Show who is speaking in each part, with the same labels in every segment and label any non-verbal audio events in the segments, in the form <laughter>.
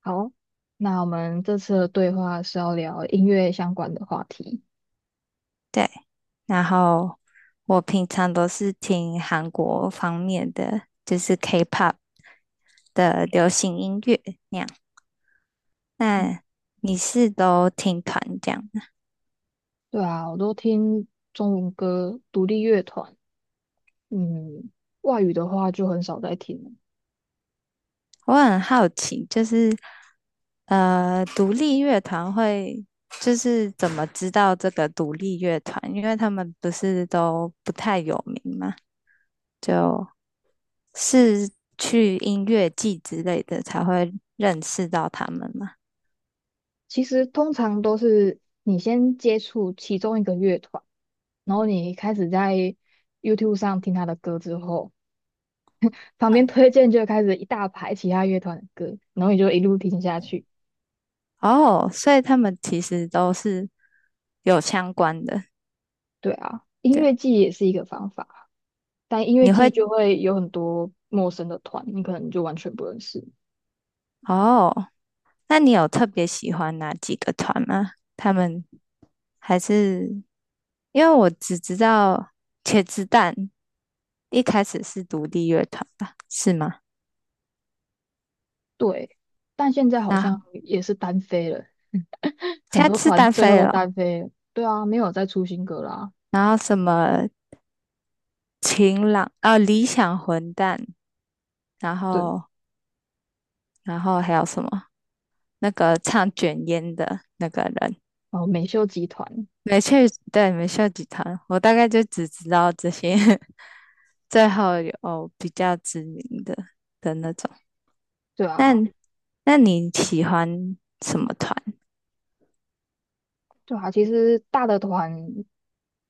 Speaker 1: 好，那我们这次的对话是要聊音乐相关的话题。
Speaker 2: 对，然后我平常都是听韩国方面的，就是 K-pop 的流行音乐那样。
Speaker 1: 嗯，
Speaker 2: 那你是都听团这样的？
Speaker 1: 对啊，我都听中文歌、独立乐团，嗯，外语的话就很少在听了。
Speaker 2: 我很好奇，就是独立乐团会就是怎么知道这个独立乐团？因为他们不是都不太有名嘛，就是去音乐季之类的才会认识到他们嘛。
Speaker 1: 其实通常都是你先接触其中一个乐团，然后你开始在 YouTube 上听他的歌之后，旁边推荐就开始一大排其他乐团的歌，然后你就一路听下去。
Speaker 2: 哦，所以他们其实都是有相关的。
Speaker 1: 对啊，音
Speaker 2: 对
Speaker 1: 乐
Speaker 2: 啊，
Speaker 1: 季也是一个方法。但音乐
Speaker 2: 你会
Speaker 1: 季就会有很多陌生的团，你可能就完全不认识。
Speaker 2: 哦，那你有特别喜欢哪几个团吗？他们还是因为我只知道茄子蛋一开始是独立乐团吧，是吗？
Speaker 1: 对，但现在好像
Speaker 2: 那
Speaker 1: 也是单飞了，很
Speaker 2: 现
Speaker 1: 多
Speaker 2: 在是
Speaker 1: 团
Speaker 2: 单
Speaker 1: 最后
Speaker 2: 飞
Speaker 1: 都
Speaker 2: 了哦，
Speaker 1: 单飞了。对啊，没有再出新歌啦。
Speaker 2: 然后什么晴朗啊、理想混蛋，然
Speaker 1: 对，
Speaker 2: 后然后还有什么那个唱卷烟的那个人。
Speaker 1: 哦，美秀集团，
Speaker 2: 没去，对，没秀集团，我大概就只知道这些，<laughs> 最后有比较知名的那种。
Speaker 1: 对
Speaker 2: 那
Speaker 1: 啊，
Speaker 2: 那你喜欢什么团？
Speaker 1: 对啊，其实大的团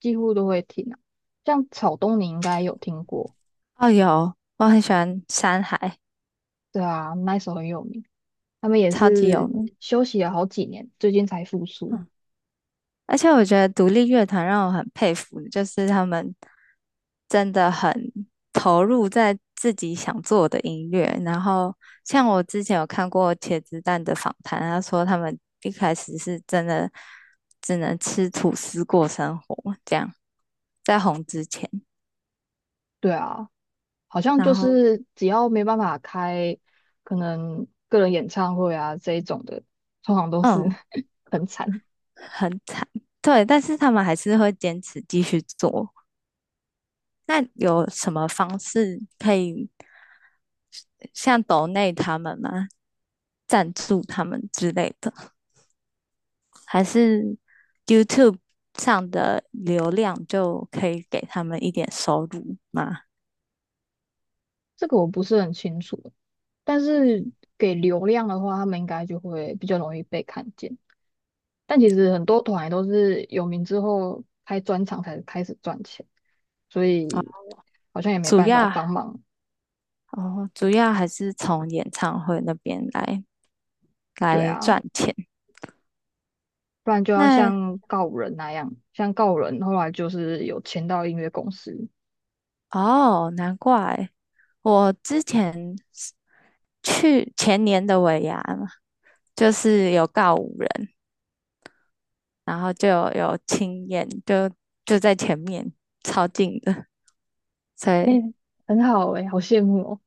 Speaker 1: 几乎都会听啊，像草东你应该有听过，
Speaker 2: 哦，有，我很喜欢山海，
Speaker 1: 对啊，那一首很有名，他们也
Speaker 2: 超级有
Speaker 1: 是
Speaker 2: 名。
Speaker 1: 休息了好几年，最近才复苏。
Speaker 2: 嗯而且我觉得独立乐团让我很佩服，就是他们真的很投入在自己想做的音乐。然后，像我之前有看过茄子蛋的访谈，他说他们一开始是真的只能吃吐司过生活，这样在红之前，
Speaker 1: 对啊。好像就
Speaker 2: 然后
Speaker 1: 是只要没办法开可能个人演唱会啊这一种的，通常都是
Speaker 2: 嗯，
Speaker 1: <laughs> 很惨。
Speaker 2: 很惨，对，但是他们还是会坚持继续做，那有什么方式可以像抖内他们吗？赞助他们之类的，还是 YouTube 上的流量就可以给他们一点收入吗？
Speaker 1: 这个我不是很清楚，但是给流量的话，他们应该就会比较容易被看见。但其实很多团也都是有名之后开专场才开始赚钱，所以好像也没
Speaker 2: 主
Speaker 1: 办法
Speaker 2: 要
Speaker 1: 帮忙。
Speaker 2: 哦，主要还是从演唱会那边来
Speaker 1: 对
Speaker 2: 来
Speaker 1: 啊，
Speaker 2: 赚钱。
Speaker 1: 不然就要
Speaker 2: 那
Speaker 1: 像告人那样，像告人后来就是有签到音乐公司，
Speaker 2: 哦，难怪我之前是去前年的尾牙嘛，就是有告五人，然后就有亲眼，就在前面，超近的，所
Speaker 1: 哎、
Speaker 2: 以
Speaker 1: 很好哎、好羡慕哦。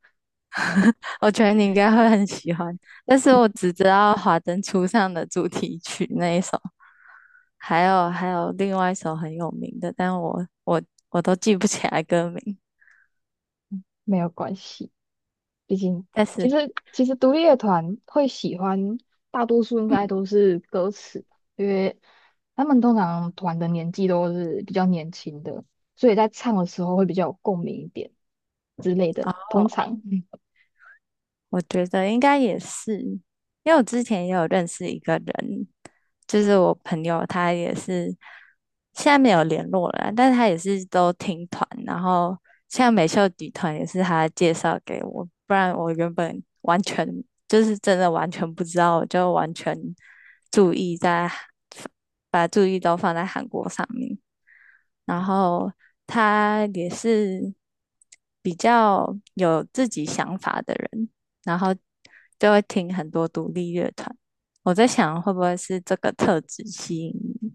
Speaker 2: 我觉得你应该会很喜欢。但是我只知道《华灯初上》的主题曲那一首，还有另外一首很有名的，但我都记不起来歌名。
Speaker 1: 没有关系，毕竟
Speaker 2: 但
Speaker 1: 其
Speaker 2: 是，
Speaker 1: 实其实独立乐团会喜欢，大多数应
Speaker 2: 嗯，哦，
Speaker 1: 该都是歌词，因为他们通常团的年纪都是比较年轻的，所以在唱的时候会比较有共鸣一点之类的啦。通常
Speaker 2: 我觉得应该也是，因为我之前也有认识一个人，就是我朋友，他也是现在没有联络了啊，但是他也是都听团，然后像美秀底团也是他介绍给我，不然我原本完全就是真的完全不知道，我就完全注意在把注意都放在韩国上面。然后他也是比较有自己想法的人，然后就会听很多独立乐团。我在想，会不会是这个特质吸引你，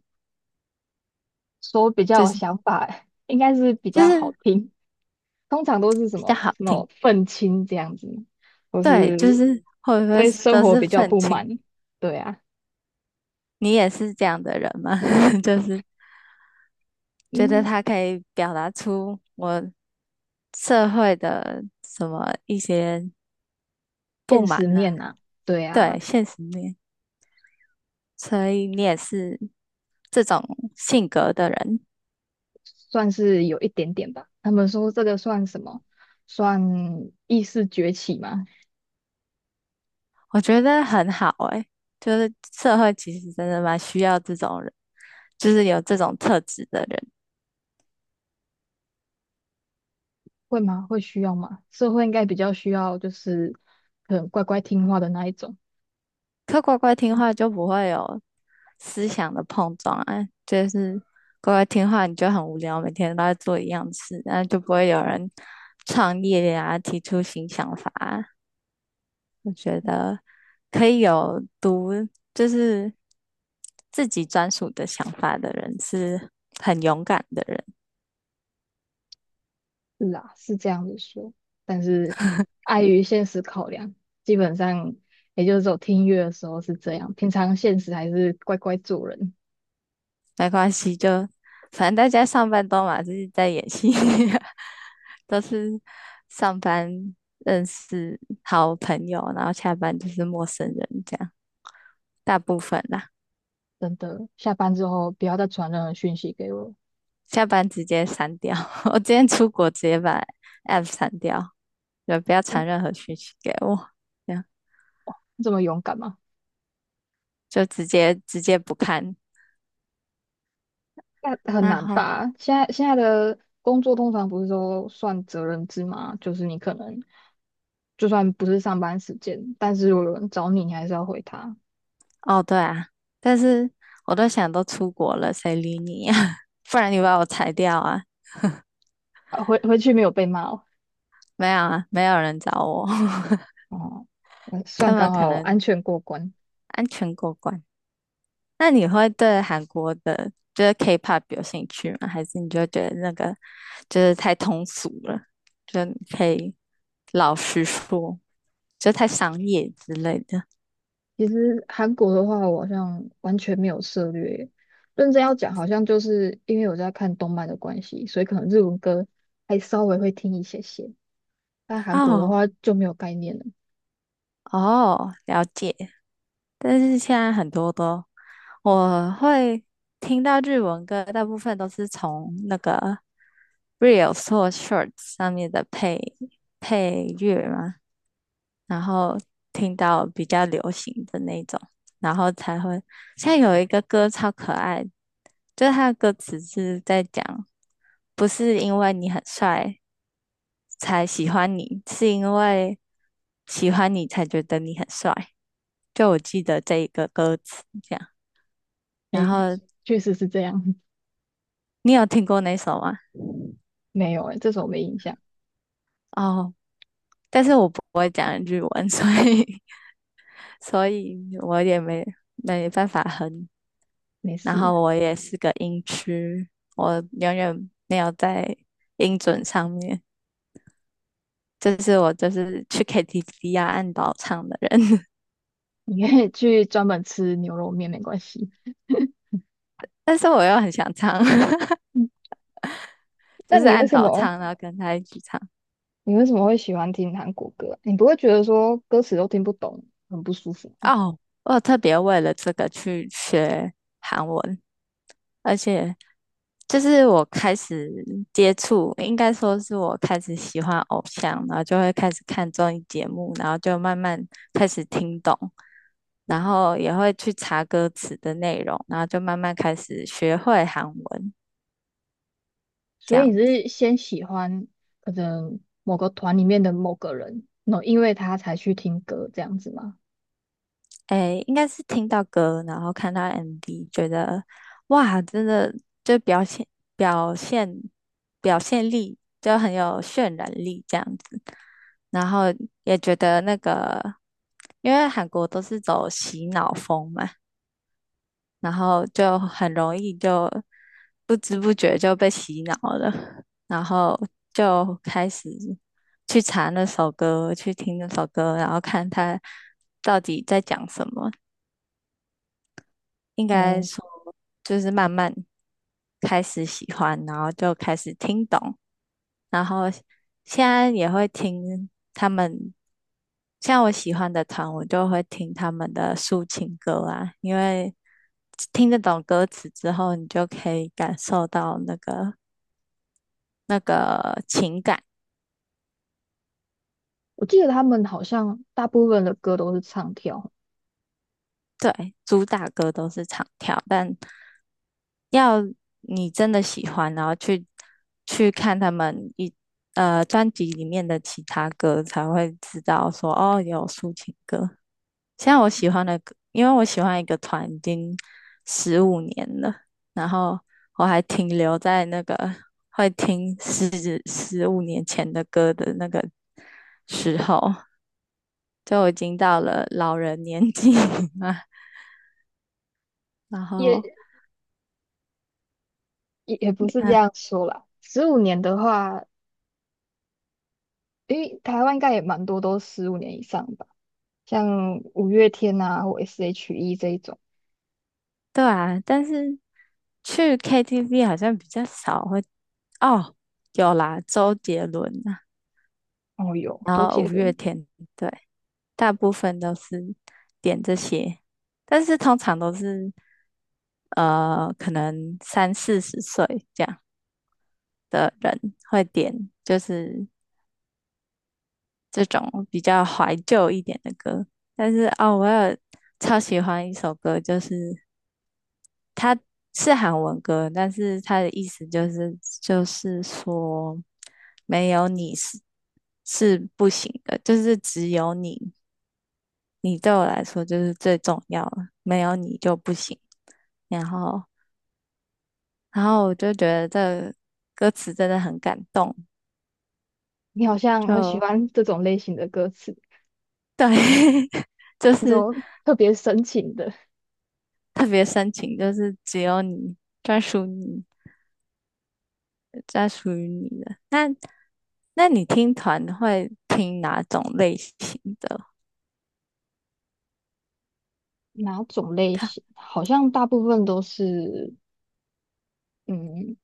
Speaker 1: 说比
Speaker 2: 就
Speaker 1: 较有
Speaker 2: 是
Speaker 1: 想法，应该是比
Speaker 2: 就
Speaker 1: 较好
Speaker 2: 是
Speaker 1: 听。通常都是什
Speaker 2: 比较
Speaker 1: 么
Speaker 2: 好
Speaker 1: 什么
Speaker 2: 听，
Speaker 1: 愤青这样子，或
Speaker 2: 对，就
Speaker 1: 是
Speaker 2: 是会不会
Speaker 1: 对生
Speaker 2: 都
Speaker 1: 活
Speaker 2: 是
Speaker 1: 比较
Speaker 2: 愤
Speaker 1: 不
Speaker 2: 青？
Speaker 1: 满，对啊，
Speaker 2: 你也是这样的人吗？<laughs> 就是觉得
Speaker 1: 嗯，
Speaker 2: 他可以表达出我社会的什么一些不
Speaker 1: 现
Speaker 2: 满
Speaker 1: 实
Speaker 2: 呢、
Speaker 1: 面啊，对啊。
Speaker 2: 对，现实面，所以你也是这种性格的人，
Speaker 1: 算是有一点点吧。他们说这个算什么？算意识崛起吗？
Speaker 2: 我觉得很好诶、就是社会其实真的蛮需要这种人，就是有这种特质的人。
Speaker 1: 会吗？会需要吗？社会应该比较需要，就是可能乖乖听话的那一种。
Speaker 2: 可乖乖听话就不会有思想的碰撞啊，就是乖乖听话你就很无聊，每天都在做一样的事，那就不会有人创业呀，提出新想法啊，我觉得可以有独，就是自己专属的想法的人是很勇敢的人，
Speaker 1: 是啊，是这样子说，但是碍于现实考量，基本上也就是走听音乐的时候是这样，平常现实还是乖乖做人。
Speaker 2: 没关系，就反正大家上班都嘛，就是在演戏，<laughs> 都是上班认识好朋友，然后下班就是陌生人这样，大部分啦，
Speaker 1: 真的，下班之后不要再传任何讯息给我。
Speaker 2: 下班直接删掉。<laughs> 我今天出国直接把 app 删掉，就不要
Speaker 1: 嗯，
Speaker 2: 传任何讯息给我，这样
Speaker 1: 这么勇敢吗？
Speaker 2: 就直接不看。
Speaker 1: 那很
Speaker 2: 那
Speaker 1: 难
Speaker 2: 好。
Speaker 1: 吧？现在的工作通常不是都算责任制吗？就是你可能就算不是上班时间，但是如果有人找你，你还是要回他。
Speaker 2: 哦，对啊，但是我都想都出国了，谁理你呀、<laughs> 不然你把我裁掉啊？
Speaker 1: 啊，回去没有被骂哦，
Speaker 2: 没有啊，没有人找我，<laughs>
Speaker 1: 哦，算
Speaker 2: 他们
Speaker 1: 刚
Speaker 2: 可
Speaker 1: 好
Speaker 2: 能
Speaker 1: 安全过关。
Speaker 2: 安全过关。那你会对韩国的，就是 K-pop 有兴趣吗？还是你就觉得那个就是太通俗了，就你可以老实说，就太商业之类的？
Speaker 1: 其实韩国的话，我好像完全没有涉略耶。认真要讲，好像就是因为我在看动漫的关系，所以可能日文歌还稍微会听一些些。但韩国的
Speaker 2: 哦
Speaker 1: 话就没有概念了。
Speaker 2: 哦，了解。但是现在很多都我会听到日文歌，大部分都是从那个 Reels 或 Shorts 上面的配乐嘛，然后听到比较流行的那种，然后才会。现在有一个歌超可爱，就是它的歌词是在讲，不是因为你很帅才喜欢你，是因为喜欢你才觉得你很帅。就我记得这一个歌词这样。然
Speaker 1: 诶，
Speaker 2: 后
Speaker 1: 确实是这样。
Speaker 2: 你有听过那首吗？
Speaker 1: 没有诶，这首没印象，
Speaker 2: 哦，但是我不会讲日文，所以 <laughs> 所以我也没办法哼。
Speaker 1: 没
Speaker 2: 然
Speaker 1: 事，
Speaker 2: 后我也是个音痴，我永远没有在音准上面。就是我就是去 KTV 啊按倒唱的人，<laughs>
Speaker 1: 你可以去专门吃牛肉面，没关系。
Speaker 2: 但是我又很想唱，<laughs>
Speaker 1: 嗯，那
Speaker 2: 就是
Speaker 1: 你为
Speaker 2: 按
Speaker 1: 什
Speaker 2: 倒
Speaker 1: 么
Speaker 2: 唱，然后跟他一起唱。
Speaker 1: 会喜欢听韩国歌啊？你不会觉得说歌词都听不懂，很不舒服吗？
Speaker 2: 哦，我有特别为了这个去学韩文，而且就是我开始接触，应该说是我开始喜欢偶像，然后就会开始看综艺节目，然后就慢慢开始听懂，然后也会去查歌词的内容，然后就慢慢开始学会韩文，
Speaker 1: 所
Speaker 2: 这
Speaker 1: 以你
Speaker 2: 样，
Speaker 1: 是先喜欢可能某个团里面的某个人，然后因为他才去听歌这样子吗？
Speaker 2: 诶，应该是听到歌，然后看到 MV,觉得哇，真的就表现表现力就很有渲染力，这样子。然后也觉得那个，因为韩国都是走洗脑风嘛，然后就很容易就不知不觉就被洗脑了，然后就开始去查那首歌，去听那首歌，然后看他到底在讲什么。应该
Speaker 1: 哦，
Speaker 2: 说，就是慢慢开始喜欢，然后就开始听懂。然后现在也会听他们，像我喜欢的团，我就会听他们的抒情歌啊，因为听得懂歌词之后，你就可以感受到那个情感。
Speaker 1: 我记得他们好像大部分的歌都是唱跳。
Speaker 2: 对，主打歌都是唱跳，但要你真的喜欢，然后去看他们专辑里面的其他歌，才会知道说哦，有抒情歌。现在我喜欢的歌，因为我喜欢一个团已经十五年了，然后我还停留在那个会听十五年前的歌的那个时候，就我已经到了老人年纪嘛。<laughs> 然后，
Speaker 1: 也也不是这
Speaker 2: 嗯，
Speaker 1: 样说啦，十五年的话，因为台湾应该也蛮多都十五年以上吧。像五月天啊或 S.H.E 这一种。
Speaker 2: 对啊，但是去 KTV 好像比较少会，哦，有啦，周杰伦啊，
Speaker 1: 哦哟，
Speaker 2: 然
Speaker 1: 周
Speaker 2: 后五
Speaker 1: 杰
Speaker 2: 月
Speaker 1: 伦，
Speaker 2: 天，对，大部分都是点这些，但是通常都是。可能三四十岁这样的人会点，就是这种比较怀旧一点的歌。但是哦，我有超喜欢一首歌，就是它是韩文歌，但是它的意思就是就是说没有你是不行的，就是只有你，你对我来说就是最重要了，没有你就不行。然后，然后我就觉得这歌词真的很感动，
Speaker 1: 你好像很喜
Speaker 2: 就
Speaker 1: 欢这种类型的歌词，
Speaker 2: 对，<laughs> 就是
Speaker 1: 特别深情的。
Speaker 2: 特别深情，就是只有你专属你，专属于你的。那你听团会听哪种类型的
Speaker 1: 哪种类型？好像大部分都是，嗯，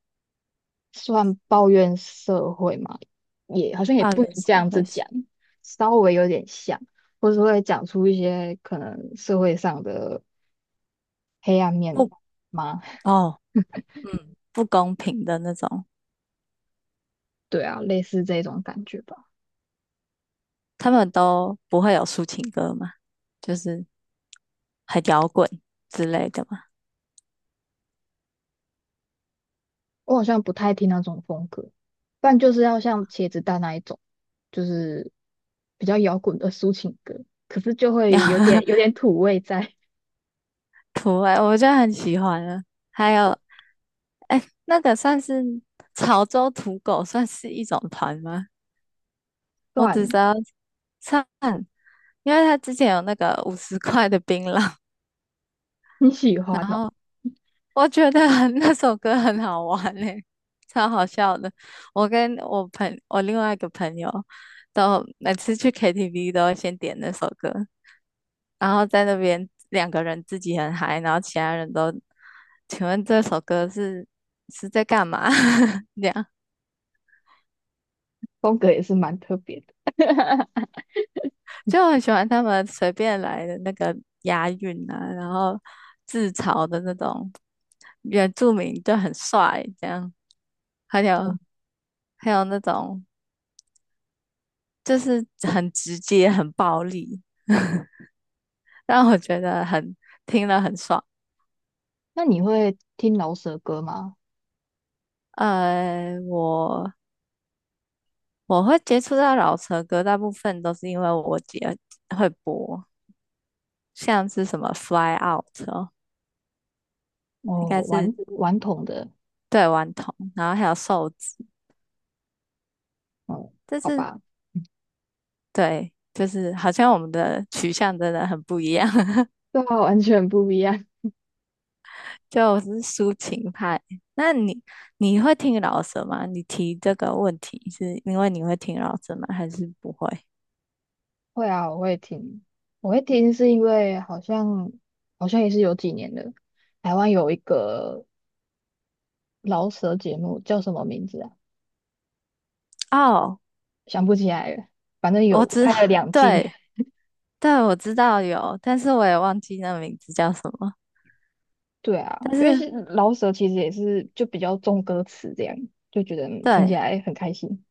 Speaker 1: 算抱怨社会嘛，也好像也
Speaker 2: 抱
Speaker 1: 不能
Speaker 2: 怨社
Speaker 1: 这样子
Speaker 2: 会是
Speaker 1: 讲，稍微有点像，或是会讲出一些可能社会上的
Speaker 2: 不
Speaker 1: 嘛，
Speaker 2: 哦，嗯，不公平的那种，
Speaker 1: 对啊，类似这种感觉吧。
Speaker 2: 他们都不会有抒情歌嘛，就是很摇滚之类的嘛。
Speaker 1: 我好像不太听那种风格，不然就是要像茄子蛋那一种，就是比较摇滚的抒情歌，可是就会有点
Speaker 2: <laughs>
Speaker 1: 有点土味在。<laughs>
Speaker 2: 土味，我就很喜欢了。还有，哎，那个算是潮州土狗，算是一种团吗？我只
Speaker 1: 算
Speaker 2: 知道唱，因为他之前有那个50块的槟榔，
Speaker 1: 你喜欢
Speaker 2: 然
Speaker 1: 哦，
Speaker 2: 后我觉得很 <laughs> 那首歌很好玩嘞、超好笑的。我跟我另外一个朋友都每次去 KTV 都会先点那首歌，然后在那边两个人自己很嗨，然后其他人都，请问这首歌是在干嘛？<laughs> 这样
Speaker 1: 风格也是蛮特别的。<laughs>
Speaker 2: 就很喜欢他们随便来的那个押韵啊，然后自嘲的那种原住民就很帅，这样，还有还有那种就是很直接、很暴力，<laughs> 让我觉得很听了很爽。
Speaker 1: 那你会听饶舌歌吗？
Speaker 2: 呃，我我会接触到老车歌，大部分都是因为我姐会播，像是什么《Fly Out》哦，应该
Speaker 1: 哦，顽
Speaker 2: 是
Speaker 1: 顽童的，
Speaker 2: 对顽童，然后还有瘦子，
Speaker 1: 哦，
Speaker 2: 但
Speaker 1: 好
Speaker 2: 是
Speaker 1: 吧，
Speaker 2: 对，就是好像我们的取向真的很不一样，<laughs>
Speaker 1: 对啊，完全不一样。
Speaker 2: 就我是抒情派。那你你会听老舌吗？你提这个问题是因为你会听老舌吗？还是不会？
Speaker 1: <laughs> 会啊，我会听，是因为好像也是有几年了，台湾有一个饶舌节目叫什么名字啊？
Speaker 2: 哦，
Speaker 1: 想不起来了，反正
Speaker 2: 我
Speaker 1: 有
Speaker 2: 知，
Speaker 1: 拍了两季。
Speaker 2: 对对，我知道有，但是我也忘记那名字叫什么，
Speaker 1: 对啊，
Speaker 2: 但
Speaker 1: 因为
Speaker 2: 是。
Speaker 1: 是老舍其实也是就比较重歌词这样，就觉得听起
Speaker 2: 对，
Speaker 1: 来很开心，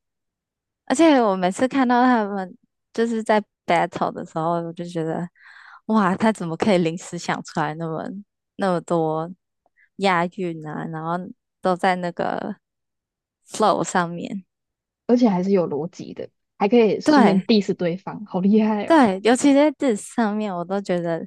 Speaker 2: 而且我每次看到他们就是在 battle 的时候，我就觉得，哇，他怎么可以临时想出来那么多押韵啊，然后都在那个 flow 上面。
Speaker 1: 还是有逻辑的，还可以顺便
Speaker 2: 对
Speaker 1: diss 对方，好厉害哦！
Speaker 2: 对，尤其在这上面，我都觉得，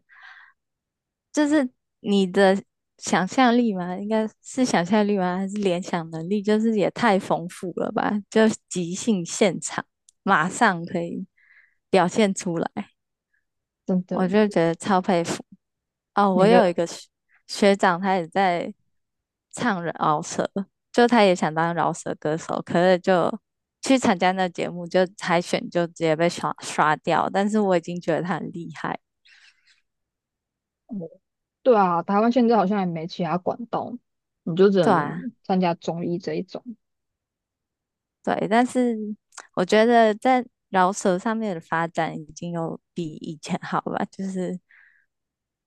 Speaker 2: 就是你的想象力嘛，应该是想象力吗？还是联想能力？就是也太丰富了吧，就即兴现场，马上可以表现出来。
Speaker 1: 真的，
Speaker 2: 我就觉得超佩服。哦，我
Speaker 1: 哪
Speaker 2: 有一
Speaker 1: 个？
Speaker 2: 个学长，他也在唱饶舌，就他也想当饶舌歌手，可是就去参加那节目，就海选就直接被刷掉。但是我已经觉得他很厉害，
Speaker 1: 嗯，对啊，台湾现在好像也没其他管道，你就只
Speaker 2: 对啊，
Speaker 1: 能参加综艺这一种。
Speaker 2: 对。但是我觉得在饶舌上面的发展已经有比以前好吧，就是。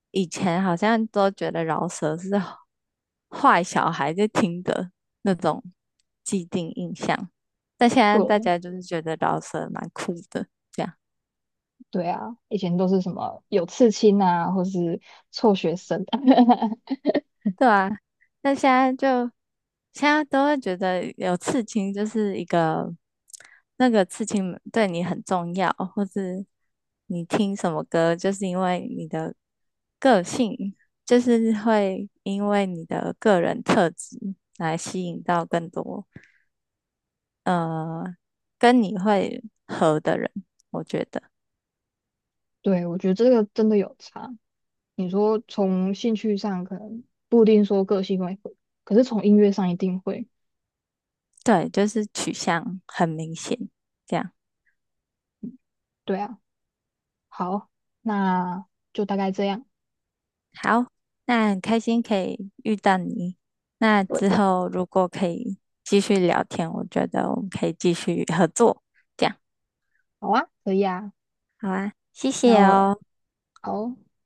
Speaker 2: 以前好像都觉得饶舌是坏小孩在听的那种既定印象，但现在大
Speaker 1: 对，
Speaker 2: 家就是觉得饶舌蛮酷的，这样
Speaker 1: 对啊，以前都是什么有刺青啊，或是辍学生。<laughs>
Speaker 2: 对啊。那现在就现在都会觉得有刺青就是一个，那个刺青对你很重要，或是你听什么歌，就是因为你的个性，就是会因为你的个人特质来吸引到更多。呃，跟你会合的人，我觉得
Speaker 1: 对，我觉得这个真的有差。你说从兴趣上可能不一定说个性会合可是从音乐上一定会。
Speaker 2: 对，就是取向很明显。这样
Speaker 1: 对啊，好，那就大概这样。
Speaker 2: 好，那很开心可以遇到你。那
Speaker 1: 对，
Speaker 2: 之后如果可以继续聊天，我觉得我们可以继续合作。这样
Speaker 1: 好啊，可以啊。
Speaker 2: 好啊，谢
Speaker 1: 那
Speaker 2: 谢
Speaker 1: 我
Speaker 2: 哦。
Speaker 1: 好哦，